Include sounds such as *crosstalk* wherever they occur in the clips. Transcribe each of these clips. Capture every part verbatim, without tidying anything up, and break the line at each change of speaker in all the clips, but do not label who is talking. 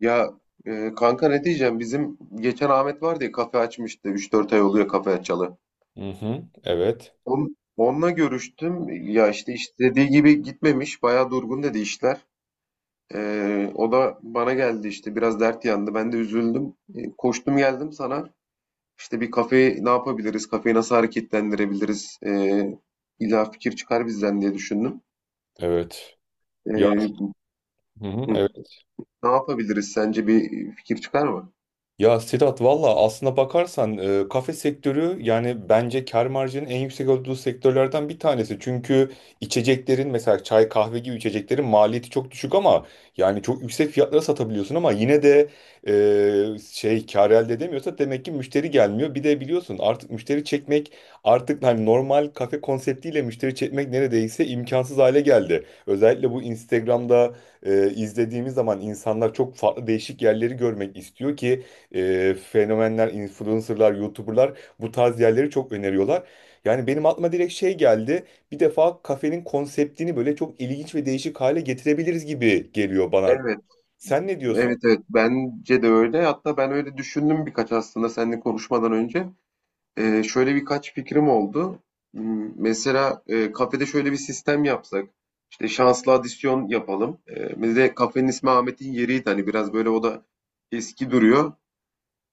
Ya, e, kanka ne diyeceğim, bizim geçen Ahmet vardı ya, kafe açmıştı, üç dört ay oluyor kafe açalı.
Hı hı. Evet.
On, onunla görüştüm ya, işte istediği gibi gitmemiş, bayağı durgun dedi işler. E, o da bana geldi, işte biraz dert yandı, ben de üzüldüm. E, koştum geldim sana, işte bir kafeyi ne yapabiliriz, kafeyi nasıl hareketlendirebiliriz, e, illa fikir çıkar bizden diye düşündüm.
Evet. Ya.
E,
Hı hı.
hı,
Evet.
Ne yapabiliriz sence, bir fikir çıkar mı?
Ya Sedat, valla aslına bakarsan e, kafe sektörü, yani bence kar marjının en yüksek olduğu sektörlerden bir tanesi. Çünkü içeceklerin, mesela çay kahve gibi içeceklerin maliyeti çok düşük ama yani çok yüksek fiyatlara satabiliyorsun, ama yine de e, şey kar elde edemiyorsa demek ki müşteri gelmiyor. Bir de biliyorsun artık, müşteri çekmek artık hani normal kafe konseptiyle müşteri çekmek neredeyse imkansız hale geldi. Özellikle bu Instagram'da, e, izlediğimiz zaman insanlar çok farklı değişik yerleri görmek istiyor ki e, fenomenler, influencerlar, youtuberlar bu tarz yerleri çok öneriyorlar. Yani benim aklıma direkt şey geldi. Bir defa kafenin konseptini böyle çok ilginç ve değişik hale getirebiliriz gibi geliyor bana.
Evet.
Sen ne diyorsun?
Evet, evet, bence de öyle. Hatta ben öyle düşündüm birkaç, aslında seninle konuşmadan önce. Ee, şöyle birkaç fikrim oldu. Hmm, Mesela e, kafede şöyle bir sistem yapsak. İşte şanslı adisyon yapalım. Ee, bir de kafenin ismi Ahmet'in yeriydi. Hani biraz böyle o da eski duruyor.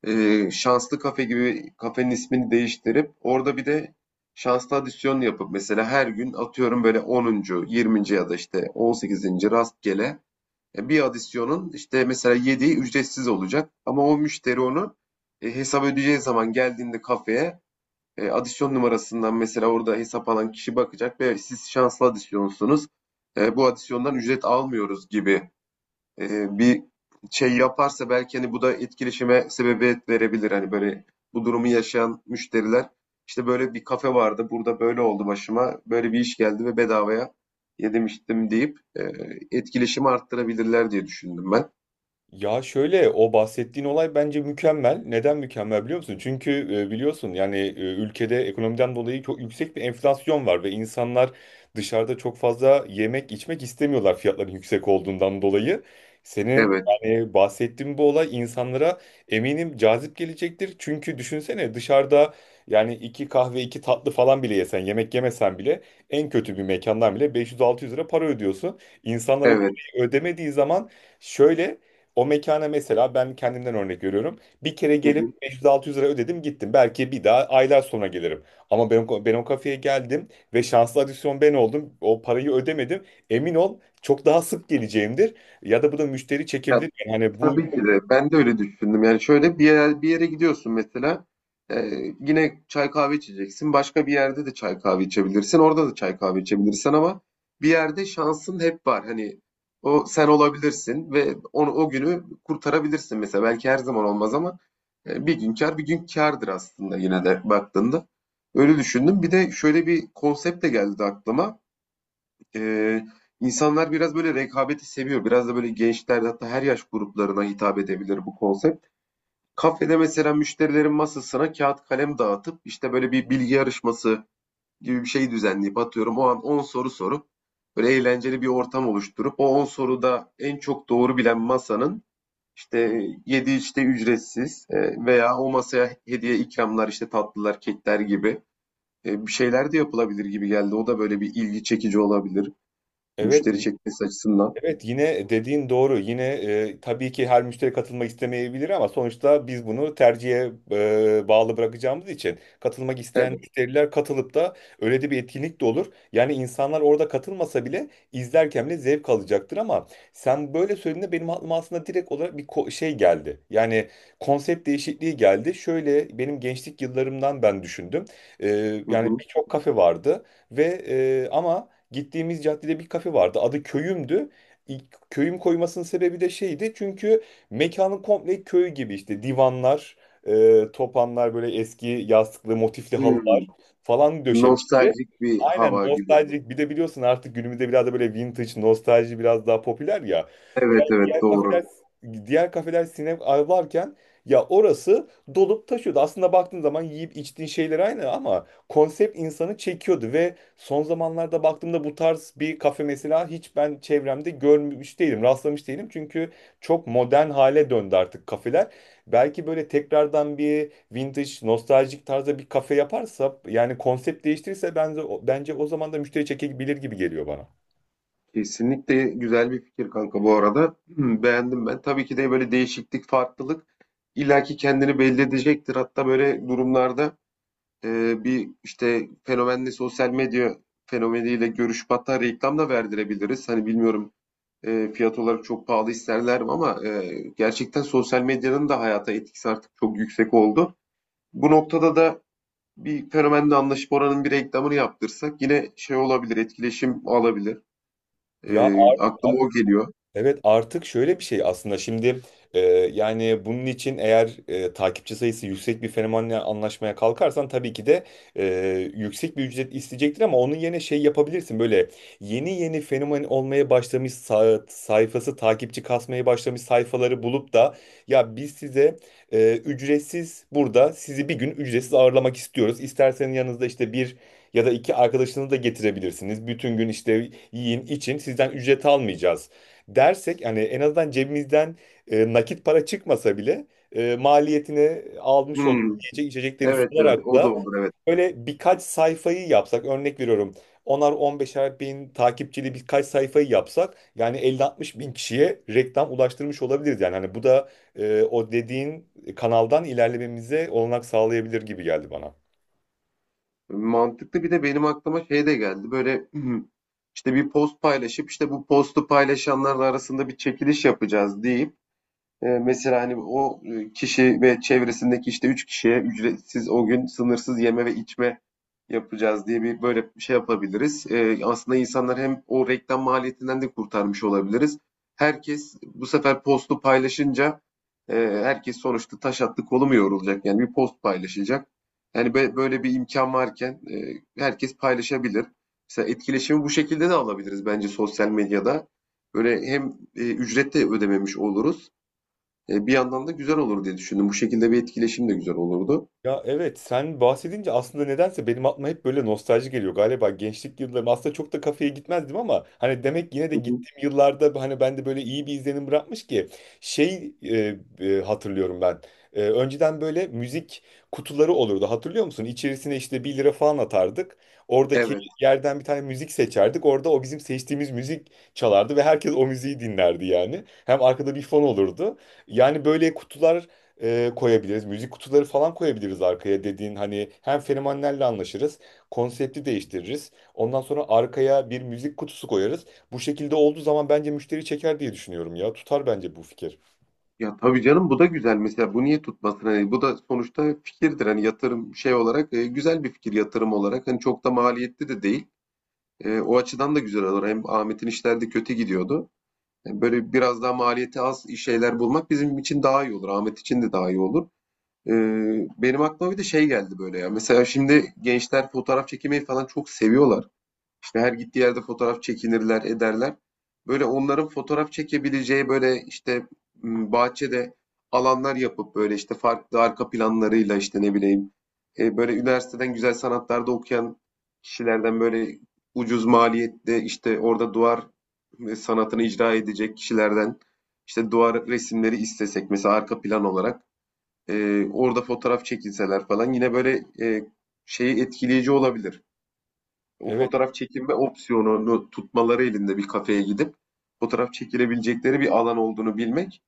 Ee, şanslı kafe gibi kafenin ismini değiştirip orada bir de şanslı adisyon yapıp, mesela her gün atıyorum, böyle onuncu, yirminci ya da işte on sekizinci rastgele e, bir adisyonun işte mesela yediği ücretsiz olacak. Ama o müşteri onu e, hesap ödeyeceği zaman geldiğinde kafeye e, adisyon numarasından, mesela orada hesap alan kişi bakacak ve siz şanslı adisyonsunuz, E, bu adisyondan ücret almıyoruz gibi eee, bir şey yaparsa, belki hani bu da etkileşime sebebiyet verebilir. Hani böyle bu durumu yaşayan müşteriler işte böyle bir kafe vardı, burada böyle oldu, başıma böyle bir iş geldi ve bedavaya yedirmiştim deyip eee, etkileşimi arttırabilirler diye düşündüm ben.
Ya, şöyle, o bahsettiğin olay bence mükemmel. Neden mükemmel biliyor musun? Çünkü e, biliyorsun yani e, ülkede ekonomiden dolayı çok yüksek bir enflasyon var ve insanlar dışarıda çok fazla yemek içmek istemiyorlar, fiyatların yüksek olduğundan dolayı. Senin
Evet,
yani bahsettiğin bu olay insanlara eminim cazip gelecektir. Çünkü düşünsene, dışarıda yani iki kahve iki tatlı falan bile yesen, yemek yemesen bile en kötü bir mekandan bile beş yüz altı yüz lira para ödüyorsun. İnsanlar bu
evet.
parayı ödemediği zaman şöyle, o mekana, mesela ben kendimden örnek veriyorum. Bir kere
Hı hı.
gelip beş yüz altı yüz lira ödedim, gittim. Belki bir daha aylar sonra gelirim. Ama ben, o- ben o kafeye geldim ve şanslı adisyon ben oldum. O parayı ödemedim. Emin ol çok daha sık geleceğimdir. Ya da bu da müşteri
Ya,
çekebilir. Yani hani bu...
tabii ki de. Ben de öyle düşündüm. Yani şöyle bir yere, bir yere gidiyorsun mesela. e, Yine çay kahve içeceksin. Başka bir yerde de çay kahve içebilirsin, orada da çay kahve içebilirsin ama bir yerde şansın hep var. Hani o sen olabilirsin ve onu, o günü kurtarabilirsin mesela. Belki her zaman olmaz ama e, bir gün kar, bir gün kârdır aslında, yine de baktığında. Öyle düşündüm. Bir de şöyle bir konsept de geldi aklıma. Ee, insanlar biraz böyle rekabeti seviyor. Biraz da böyle gençlerde, hatta her yaş gruplarına hitap edebilir bu konsept. Kafede mesela müşterilerin masasına kağıt kalem dağıtıp, işte böyle bir bilgi yarışması gibi bir şey düzenleyip, atıyorum o an on soru sorup, böyle eğlenceli bir ortam oluşturup, o on soruda en çok doğru bilen masanın işte yedi, işte ücretsiz, e, veya o masaya hediye ikramlar, işte tatlılar, kekler gibi e, bir şeyler de yapılabilir gibi geldi. O da böyle bir ilgi çekici olabilir.
Evet.
Müşteri çekmesi açısından.
Evet, yine dediğin doğru. Yine e, tabii ki her müşteri katılmak istemeyebilir, ama sonuçta biz bunu tercihe e, bağlı bırakacağımız için katılmak
Evet.
isteyen müşteriler katılıp da öyle de bir etkinlik de olur. Yani insanlar orada katılmasa bile izlerken bile zevk alacaktır. Ama sen böyle söylediğinde benim aklıma aslında direkt olarak bir ko- şey geldi. Yani konsept değişikliği geldi. Şöyle, benim gençlik yıllarımdan ben düşündüm. E,
Hı
Yani
hı.
birçok kafe vardı ve e, ama gittiğimiz caddede bir kafe vardı. Adı Köyüm'dü. İlk köyüm koymasının sebebi de şeydi. Çünkü mekanın komple köy gibi, işte divanlar, e, topanlar, böyle eski yastıklı motifli halılar
Hımm.
falan döşemişti.
Nostaljik bir
Aynen,
hava gibi.
nostaljik. Bir de biliyorsun artık günümüzde biraz da böyle vintage, nostalji biraz daha popüler ya.
Evet,
Ya
evet,
diğer kafeler
doğru.
diğer kafeler sinema varken, ya orası dolup taşıyordu. Aslında baktığın zaman yiyip içtiğin şeyler aynı, ama konsept insanı çekiyordu. Ve son zamanlarda baktığımda bu tarz bir kafe mesela hiç ben çevremde görmüş değilim, rastlamış değilim. Çünkü çok modern hale döndü artık kafeler. Belki böyle tekrardan bir vintage, nostaljik tarzda bir kafe yaparsa, yani konsept değiştirirse bence, bence o zaman da müşteri çekebilir gibi geliyor bana.
Kesinlikle güzel bir fikir kanka bu arada. Hmm, Beğendim ben. Tabii ki de böyle değişiklik, farklılık illaki kendini belli edecektir. Hatta böyle durumlarda e, bir işte fenomenle, sosyal medya fenomeniyle görüşüp hatta reklam da verdirebiliriz. Hani bilmiyorum, e, fiyat olarak çok pahalı isterler mi ama e, gerçekten sosyal medyanın da hayata etkisi artık çok yüksek oldu. Bu noktada da bir fenomenle anlaşıp oranın bir reklamını yaptırsak, yine şey olabilir, etkileşim alabilir. E,
Ya.
aklıma o geliyor.
Evet, artık şöyle bir şey, aslında şimdi e, yani bunun için, eğer e, takipçi sayısı yüksek bir fenomenle anlaşmaya kalkarsan tabii ki de e, yüksek bir ücret isteyecektir. Ama onun yerine şey yapabilirsin, böyle yeni yeni fenomen olmaya başlamış, sa- sayfası takipçi kasmaya başlamış sayfaları bulup da, ya biz size e, ücretsiz burada sizi bir gün ücretsiz ağırlamak istiyoruz. İsterseniz yanınızda işte bir ya da iki arkadaşınızı da getirebilirsiniz. Bütün gün işte yiyin için sizden ücret almayacağız dersek, hani en azından cebimizden e, nakit para çıkmasa bile e, maliyetini almış
Hmm,
olduğumuz yiyecek içecekleri
evet, evet,
sunarak
o da
da.
olur, evet.
Böyle birkaç sayfayı yapsak, örnek veriyorum, onar on beşer bin takipçili birkaç sayfayı yapsak yani elli altmış bin bin kişiye reklam ulaştırmış olabiliriz. Yani hani bu da e, o dediğin kanaldan ilerlememize olanak sağlayabilir gibi geldi bana.
Mantıklı. Bir de benim aklıma şey de geldi böyle. İşte bir post paylaşıp, işte bu postu paylaşanlar arasında bir çekiliş yapacağız deyip, ee, mesela hani o e, kişi ve çevresindeki işte üç kişiye ücretsiz o gün sınırsız yeme ve içme yapacağız diye bir, böyle bir şey yapabiliriz. Ee, aslında insanlar hem, o reklam maliyetinden de kurtarmış olabiliriz. Herkes bu sefer postu paylaşınca e, herkes sonuçta taş attı, kolu mu yorulacak? Yani bir post paylaşacak. Yani be- böyle bir imkan varken e, herkes paylaşabilir. Mesela etkileşimi bu şekilde de alabiliriz bence sosyal medyada. Böyle hem e, ücret de ödememiş oluruz. Eee, bir yandan da güzel olur diye düşündüm. Bu şekilde bir etkileşim de güzel olurdu.
Ya evet, sen bahsedince aslında nedense benim aklıma hep böyle nostalji geliyor. Galiba gençlik yıllarım, aslında çok da kafeye gitmezdim ama hani demek yine de
Hı hı.
gittiğim yıllarda hani bende böyle iyi bir izlenim bırakmış ki şey e, e, hatırlıyorum ben. E, önceden böyle müzik kutuları olurdu, hatırlıyor musun? İçerisine işte bir lira falan atardık. Oradaki
Evet.
yerden bir tane müzik seçerdik. Orada o bizim seçtiğimiz müzik çalardı ve herkes o müziği dinlerdi yani. Hem arkada bir fon olurdu. Yani böyle kutular, e, koyabiliriz. Müzik kutuları falan koyabiliriz arkaya, dediğin hani, hem fenomenlerle anlaşırız, konsepti değiştiririz. Ondan sonra arkaya bir müzik kutusu koyarız. Bu şekilde olduğu zaman bence müşteri çeker diye düşünüyorum ya. Tutar bence bu fikir.
Ya, tabii canım, bu da güzel mesela. Bu niye tutmasın? Hani, bu da sonuçta fikirdir. Hani, yatırım şey olarak, eee, güzel bir fikir, yatırım olarak. Hani, çok da maliyetli de değil. Eee, o açıdan da güzel olur. Hem Ahmet'in işleri de kötü gidiyordu. Eee, böyle biraz daha maliyeti az iş- şeyler bulmak bizim için daha iyi olur. Ahmet için de daha iyi olur. Eee, benim aklıma bir de şey geldi böyle ya. Mesela şimdi gençler fotoğraf çekmeyi falan çok seviyorlar ve her gittiği yerde fotoğraf çekinirler, ederler. Böyle onların fotoğraf çekebileceği, böyle işte m, bahçede alanlar yapıp, böyle işte farklı arka planlarıyla, işte ne bileyim, e, böyle üniversiteden güzel sanatlarda okuyan kişilerden, böyle ucuz maliyette, işte orada duvar e, sanatını icra edecek kişilerden işte duvar resimleri istesek, mesela arka plan olarak e, orada fotoğraf çekilseler falan, yine böyle e, şeyi, etkileyici olabilir o
Evet.
fotoğraf çekinme opsiyonunu tutmaları, elinde bir kafeye gidip fotoğraf çekilebilecekleri bir alan olduğunu bilmek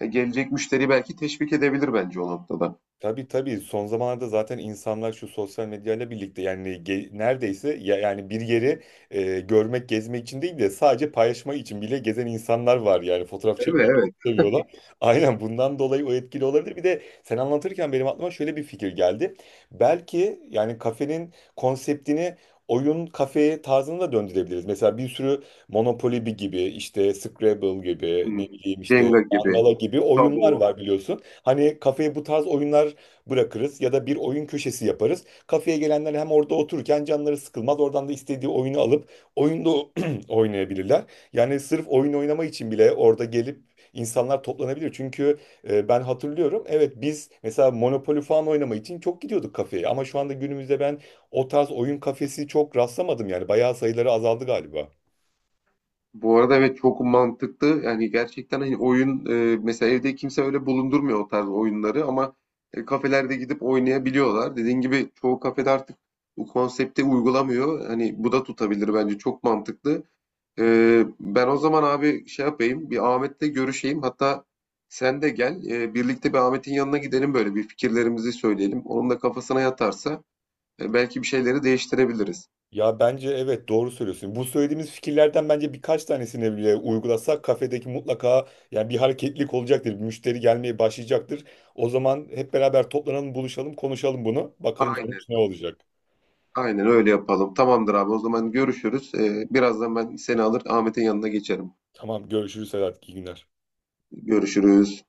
e, gelecek müşteriyi belki teşvik edebilir bence o noktada.
Tabii tabii, son zamanlarda zaten insanlar şu sosyal medyayla birlikte yani, ge- neredeyse ya, yani bir yeri e, görmek, gezmek için değil de sadece paylaşmak için bile gezen insanlar var, yani fotoğraf
Evet,
çekmeyi çok
evet.
seviyorlar. Aynen, bundan dolayı o etkili olabilir. Bir de sen anlatırken benim aklıma şöyle bir fikir geldi. Belki yani kafenin konseptini oyun kafeye tarzına da döndürebiliriz. Mesela bir sürü Monopoly gibi, işte Scrabble gibi,
Hmm.
ne bileyim işte
Jenga gibi,
Mangala gibi
Tabu.
oyunlar var biliyorsun. Hani kafeye bu tarz oyunlar bırakırız ya da bir oyun köşesi yaparız. Kafeye gelenler hem orada otururken canları sıkılmaz. Oradan da istediği oyunu alıp oyunda *clears throat* oynayabilirler. Yani sırf oyun oynama için bile orada gelip insanlar toplanabilir. Çünkü e, ben hatırlıyorum. Evet, biz mesela Monopoly falan oynama için çok gidiyorduk kafeye. Ama şu anda günümüzde ben o tarz oyun kafesi çok rastlamadım yani. Bayağı sayıları azaldı galiba.
Bu arada evet, çok mantıklı. Yani gerçekten, hani oyun, e, mesela evde kimse öyle bulundurmuyor o tarz oyunları ama e, kafelerde gidip oynayabiliyorlar. Dediğin gibi çoğu kafede artık bu konsepti uygulamıyor. Hani bu da tutabilir bence, çok mantıklı. Ee, ben o zaman abi şey yapayım, bir Ahmet'le görüşeyim. Hatta sen de gel, e, birlikte bir Ahmet'in yanına gidelim, böyle bir fikirlerimizi söyleyelim. Onun da kafasına yatarsa e, belki bir şeyleri değiştirebiliriz.
Ya bence evet, doğru söylüyorsun. Bu söylediğimiz fikirlerden bence birkaç tanesini bile uygulasak kafedeki mutlaka yani bir hareketlilik olacaktır. Bir müşteri gelmeye başlayacaktır. O zaman hep beraber toplanalım, buluşalım, konuşalım bunu. Bakalım
Aynen,
sonuç ne olacak.
aynen öyle yapalım. Tamamdır abi, o zaman görüşürüz. Ee, birazdan ben seni alır Ahmet'in yanına geçerim.
Tamam, görüşürüz Sedat. İyi günler.
Görüşürüz.